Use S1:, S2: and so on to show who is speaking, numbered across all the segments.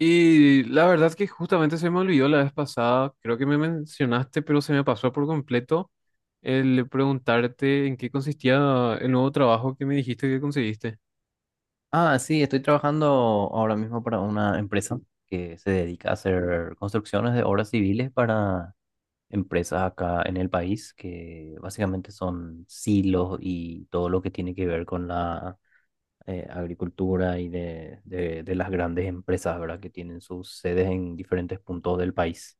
S1: Y la verdad que justamente se me olvidó la vez pasada, creo que me mencionaste, pero se me pasó por completo el preguntarte en qué consistía el nuevo trabajo que me dijiste que conseguiste.
S2: Ah, sí, estoy trabajando ahora mismo para una empresa que se dedica a hacer construcciones de obras civiles para empresas acá en el país, que básicamente son silos y todo lo que tiene que ver con la agricultura y de las grandes empresas, ¿verdad? Que tienen sus sedes en diferentes puntos del país.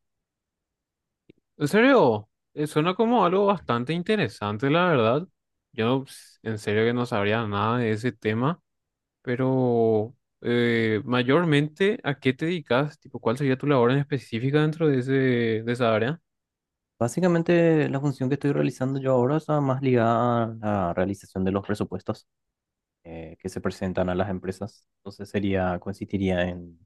S1: En serio, suena como algo bastante interesante, la verdad. Yo ps, en serio que no sabría nada de ese tema, pero mayormente, ¿a qué te dedicas? Tipo, ¿cuál sería tu labor en específica dentro de esa área?
S2: Básicamente la función que estoy realizando yo ahora está más ligada a la realización de los presupuestos que se presentan a las empresas. Entonces sería, consistiría en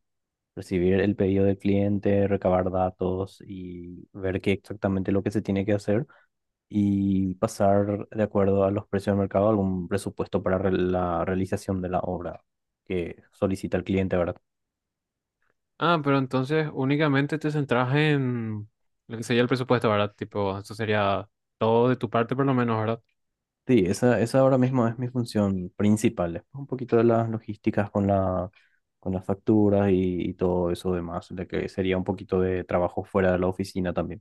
S2: recibir el pedido del cliente, recabar datos y ver qué exactamente lo que se tiene que hacer y pasar de acuerdo a los precios del mercado algún presupuesto para la realización de la obra que solicita el cliente, ¿verdad?
S1: Ah, pero entonces únicamente te centras en lo que sería el presupuesto, ¿verdad? Tipo, eso sería todo de tu parte por lo menos, ¿verdad?
S2: Sí, esa ahora mismo es mi función principal. Después un poquito de las logísticas con con las facturas y todo eso demás, de que sería un poquito de trabajo fuera de la oficina también.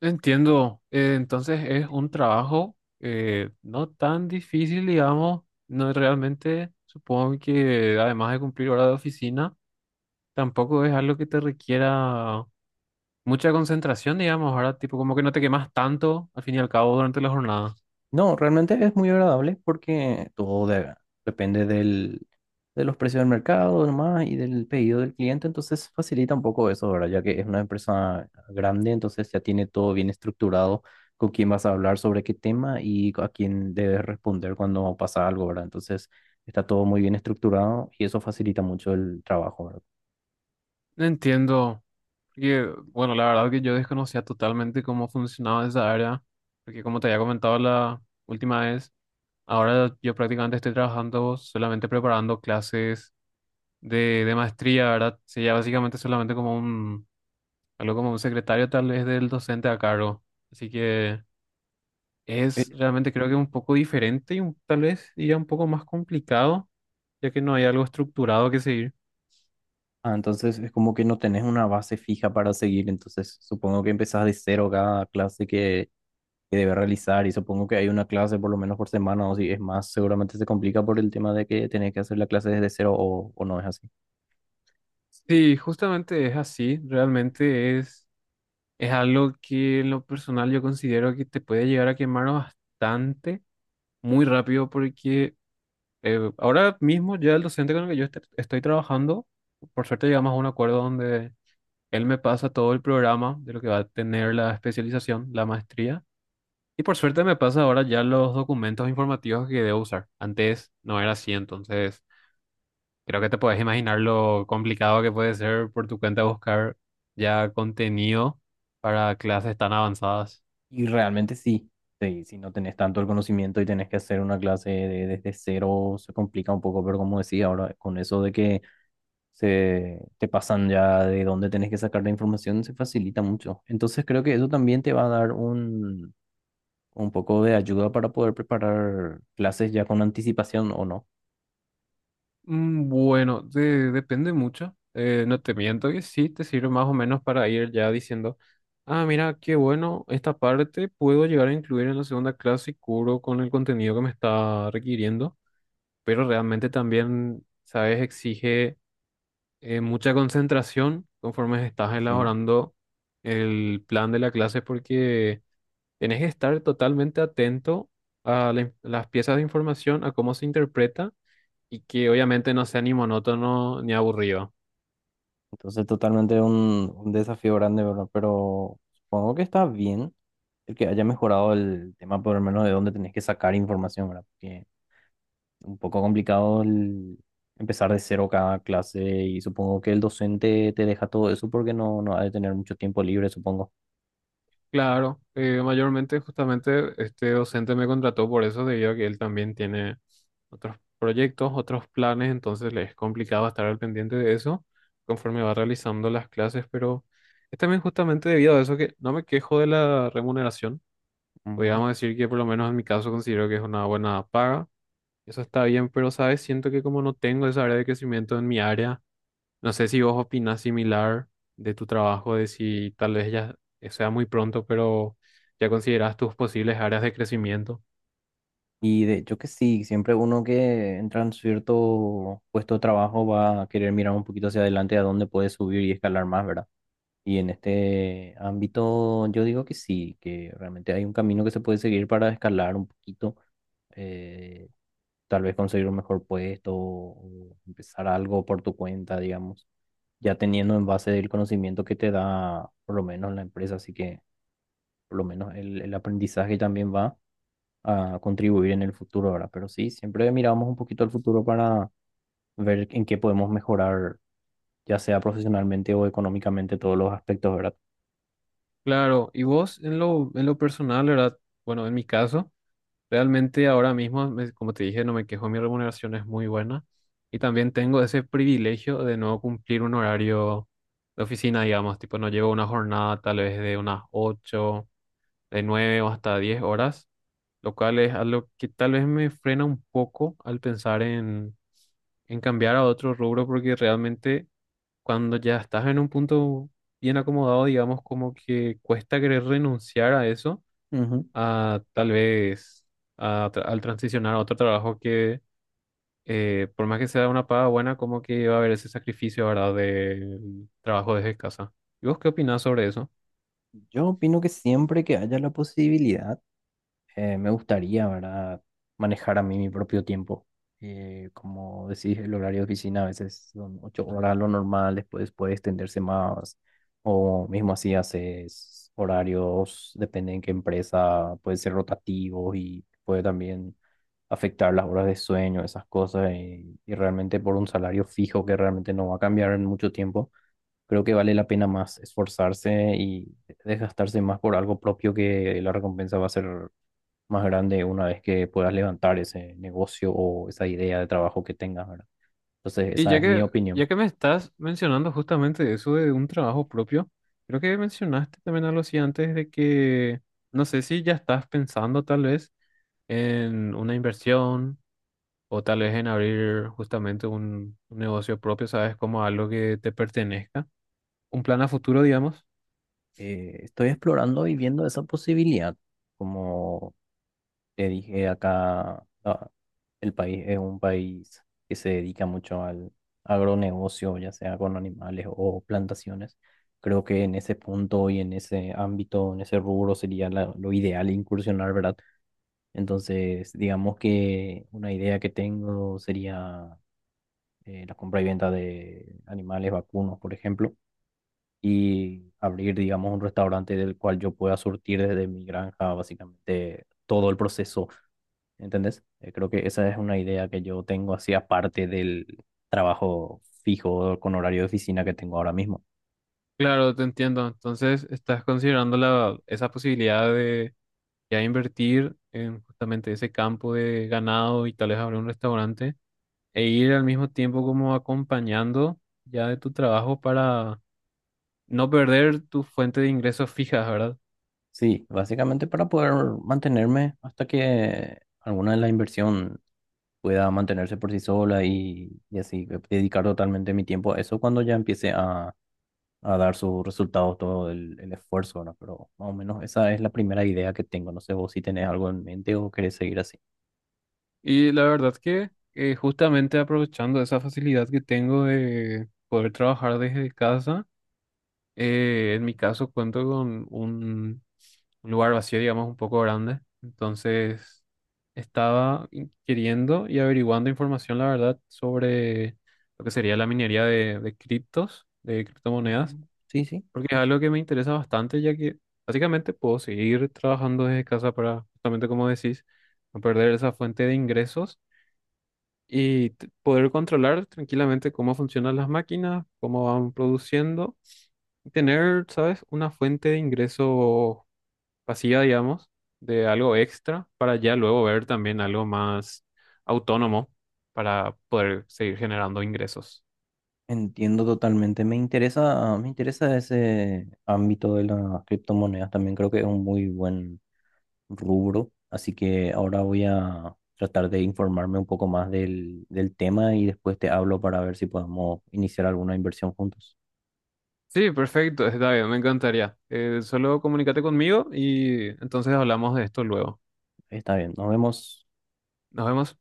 S1: Entiendo. Entonces es un trabajo no tan difícil, digamos. No es realmente, supongo que además de cumplir hora de oficina, tampoco es algo que te requiera mucha concentración, digamos, ¿verdad? Tipo, como que no te quemas tanto al fin y al cabo durante la jornada.
S2: No, realmente es muy agradable porque todo depende de los precios del mercado nomás y del pedido del cliente, entonces facilita un poco eso, ¿verdad? Ya que es una empresa grande, entonces ya tiene todo bien estructurado con quién vas a hablar sobre qué tema y a quién debes responder cuando pasa algo, ¿verdad? Entonces está todo muy bien estructurado y eso facilita mucho el trabajo, ¿verdad?
S1: Entiendo. Porque, bueno, la verdad que yo desconocía totalmente cómo funcionaba esa área, porque como te había comentado la última vez, ahora yo prácticamente estoy trabajando solamente preparando clases de maestría, ¿verdad? Sería básicamente solamente como un, algo como un secretario tal vez del docente a cargo. Así que
S2: Eh,
S1: es realmente creo que un poco diferente y tal vez ya un poco más complicado, ya que no hay algo estructurado que seguir.
S2: entonces es como que no tenés una base fija para seguir, entonces supongo que empezás de cero cada clase que debe realizar y supongo que hay una clase por lo menos por semana o si es más, seguramente se complica por el tema de que tenés que hacer la clase desde cero o no es así.
S1: Sí, justamente es así, realmente es... Es algo que en lo personal yo considero que te puede llegar a quemar bastante, muy rápido, porque ahora mismo ya el docente con el que estoy trabajando, por suerte llegamos a un acuerdo donde él me pasa todo el programa de lo que va a tener la especialización, la maestría, y por suerte me pasa ahora ya los documentos informativos que debo usar. Antes no era así, entonces creo que te puedes imaginar lo complicado que puede ser por tu cuenta buscar ya contenido para clases tan avanzadas.
S2: Y realmente sí, sí, si no tenés tanto el conocimiento y tenés que hacer una clase desde cero se complica un poco, pero como decía ahora, con eso de que se te pasan ya de dónde tenés que sacar la información se facilita mucho. Entonces creo que eso también te va a dar un poco de ayuda para poder preparar clases ya con anticipación o no.
S1: Bueno, depende mucho. No te miento que sí, te sirve más o menos para ir ya diciendo, ah, mira, qué bueno, esta parte puedo llegar a incluir en la segunda clase y cubro con el contenido que me está requiriendo, pero realmente también, sabes, exige mucha concentración conforme estás
S2: Sí.
S1: elaborando el plan de la clase porque tenés que estar totalmente atento a las piezas de información, a cómo se interpreta y que obviamente no sea ni monótono ni aburrido.
S2: Entonces, totalmente un desafío grande, ¿verdad? Pero supongo que está bien el que haya mejorado el tema, por lo menos de dónde tenés que sacar información, ¿verdad? Porque un poco complicado el empezar de cero cada clase y supongo que el docente te deja todo eso porque no, no ha de tener mucho tiempo libre, supongo.
S1: Claro, mayormente justamente este docente me contrató por eso, debido a que él también tiene otros proyectos, otros planes, entonces le es complicado estar al pendiente de eso conforme va realizando las clases, pero es también justamente debido a eso que no me quejo de la remuneración.
S2: Ujú.
S1: Podríamos decir que por lo menos en mi caso considero que es una buena paga. Eso está bien, pero sabes, siento que como no tengo esa área de crecimiento en mi área, no sé si vos opinás similar de tu trabajo, de si tal vez ya sea muy pronto, pero ya considerás tus posibles áreas de crecimiento.
S2: Y de hecho que sí, siempre uno que entra en cierto puesto de trabajo va a querer mirar un poquito hacia adelante a dónde puede subir y escalar más, ¿verdad? Y en este ámbito yo digo que sí, que realmente hay un camino que se puede seguir para escalar un poquito, eh, tal vez conseguir un mejor puesto o empezar algo por tu cuenta, digamos, ya teniendo en base el conocimiento que te da por lo menos la empresa, así que por lo menos el aprendizaje también va a contribuir en el futuro ahora. Pero sí, siempre miramos un poquito al futuro para ver en qué podemos mejorar, ya sea profesionalmente o económicamente, todos los aspectos, ¿verdad?
S1: Claro, y vos en lo personal, ¿verdad? Bueno, en mi caso, realmente ahora mismo, como te dije, no me quejo, mi remuneración es muy buena y también tengo ese privilegio de no cumplir un horario de oficina, digamos, tipo no llevo una jornada tal vez de unas 8 de 9 o hasta 10 horas, lo cual es algo que tal vez me frena un poco al pensar en cambiar a otro rubro, porque realmente cuando ya estás en un punto bien acomodado, digamos, como que cuesta querer renunciar a eso,
S2: Ujú.
S1: a tal vez al transicionar a otro trabajo que, por más que sea una paga buena, como que va a haber ese sacrificio, ¿verdad?, del trabajo desde casa. ¿Y vos qué opinás sobre eso?
S2: Yo opino que siempre que haya la posibilidad, me gustaría, ¿verdad? Manejar a mí mi propio tiempo. Como decís, el horario de oficina a veces son 8 horas lo normal, después puede extenderse más. O mismo así haces horarios, depende en qué empresa, puede ser rotativos y puede también afectar las horas de sueño, esas cosas. Y realmente por un salario fijo que realmente no va a cambiar en mucho tiempo, creo que vale la pena más esforzarse y desgastarse más por algo propio que la recompensa va a ser más grande una vez que puedas levantar ese negocio o esa idea de trabajo que tengas, ¿verdad? Entonces,
S1: Y
S2: esa
S1: ya
S2: es mi
S1: que,
S2: opinión.
S1: ya que me estás mencionando justamente eso de un trabajo propio, creo que mencionaste también algo así antes de que, no sé si ya estás pensando tal vez en una inversión o tal vez en abrir justamente un negocio propio, ¿sabes? Como algo que te pertenezca, un plan a futuro, digamos.
S2: Estoy explorando y viendo esa posibilidad, como te dije acá. El país es un país que se dedica mucho al agronegocio, ya sea con animales o plantaciones. Creo que en ese punto y en ese ámbito, en ese rubro sería lo ideal incursionar, ¿verdad? Entonces, digamos que una idea que tengo sería la compra y venta de animales vacunos, por ejemplo, y abrir, digamos, un restaurante del cual yo pueda surtir desde mi granja, básicamente, todo el proceso. ¿Entendés? Creo que esa es una idea que yo tengo así aparte del trabajo fijo con horario de oficina que tengo ahora mismo.
S1: Claro, te entiendo. Entonces, estás considerando esa posibilidad de ya invertir en justamente ese campo de ganado y tal vez abrir un restaurante, e ir al mismo tiempo como acompañando ya de tu trabajo para no perder tu fuente de ingresos fijas, ¿verdad?
S2: Sí, básicamente para poder mantenerme hasta que alguna de la inversión pueda mantenerse por sí sola y así dedicar totalmente mi tiempo a eso cuando ya empiece a dar sus resultados todo el esfuerzo, ¿no? Pero más o menos esa es la primera idea que tengo. No sé vos si tenés algo en mente o querés seguir así.
S1: Y la verdad que justamente aprovechando esa facilidad que tengo de poder trabajar desde casa, en mi caso cuento con un lugar vacío, digamos, un poco grande, entonces estaba queriendo y averiguando información, la verdad, sobre lo que sería la minería de criptos, de criptomonedas.
S2: Ujú. Sí, sí.
S1: Porque es algo que me interesa bastante, ya que básicamente puedo seguir trabajando desde casa para, justamente como decís, no perder esa fuente de ingresos y poder controlar tranquilamente cómo funcionan las máquinas, cómo van produciendo, y tener, ¿sabes?, una fuente de ingreso pasiva, digamos, de algo extra para ya luego ver también algo más autónomo para poder seguir generando ingresos.
S2: Entiendo totalmente. Me interesa ese ámbito de las criptomonedas. También creo que es un muy buen rubro. Así que ahora voy a tratar de informarme un poco más del tema y después te hablo para ver si podemos iniciar alguna inversión juntos.
S1: Sí, perfecto, está bien, me encantaría. Solo comunícate conmigo y entonces hablamos de esto luego.
S2: Está bien, nos vemos.
S1: Nos vemos.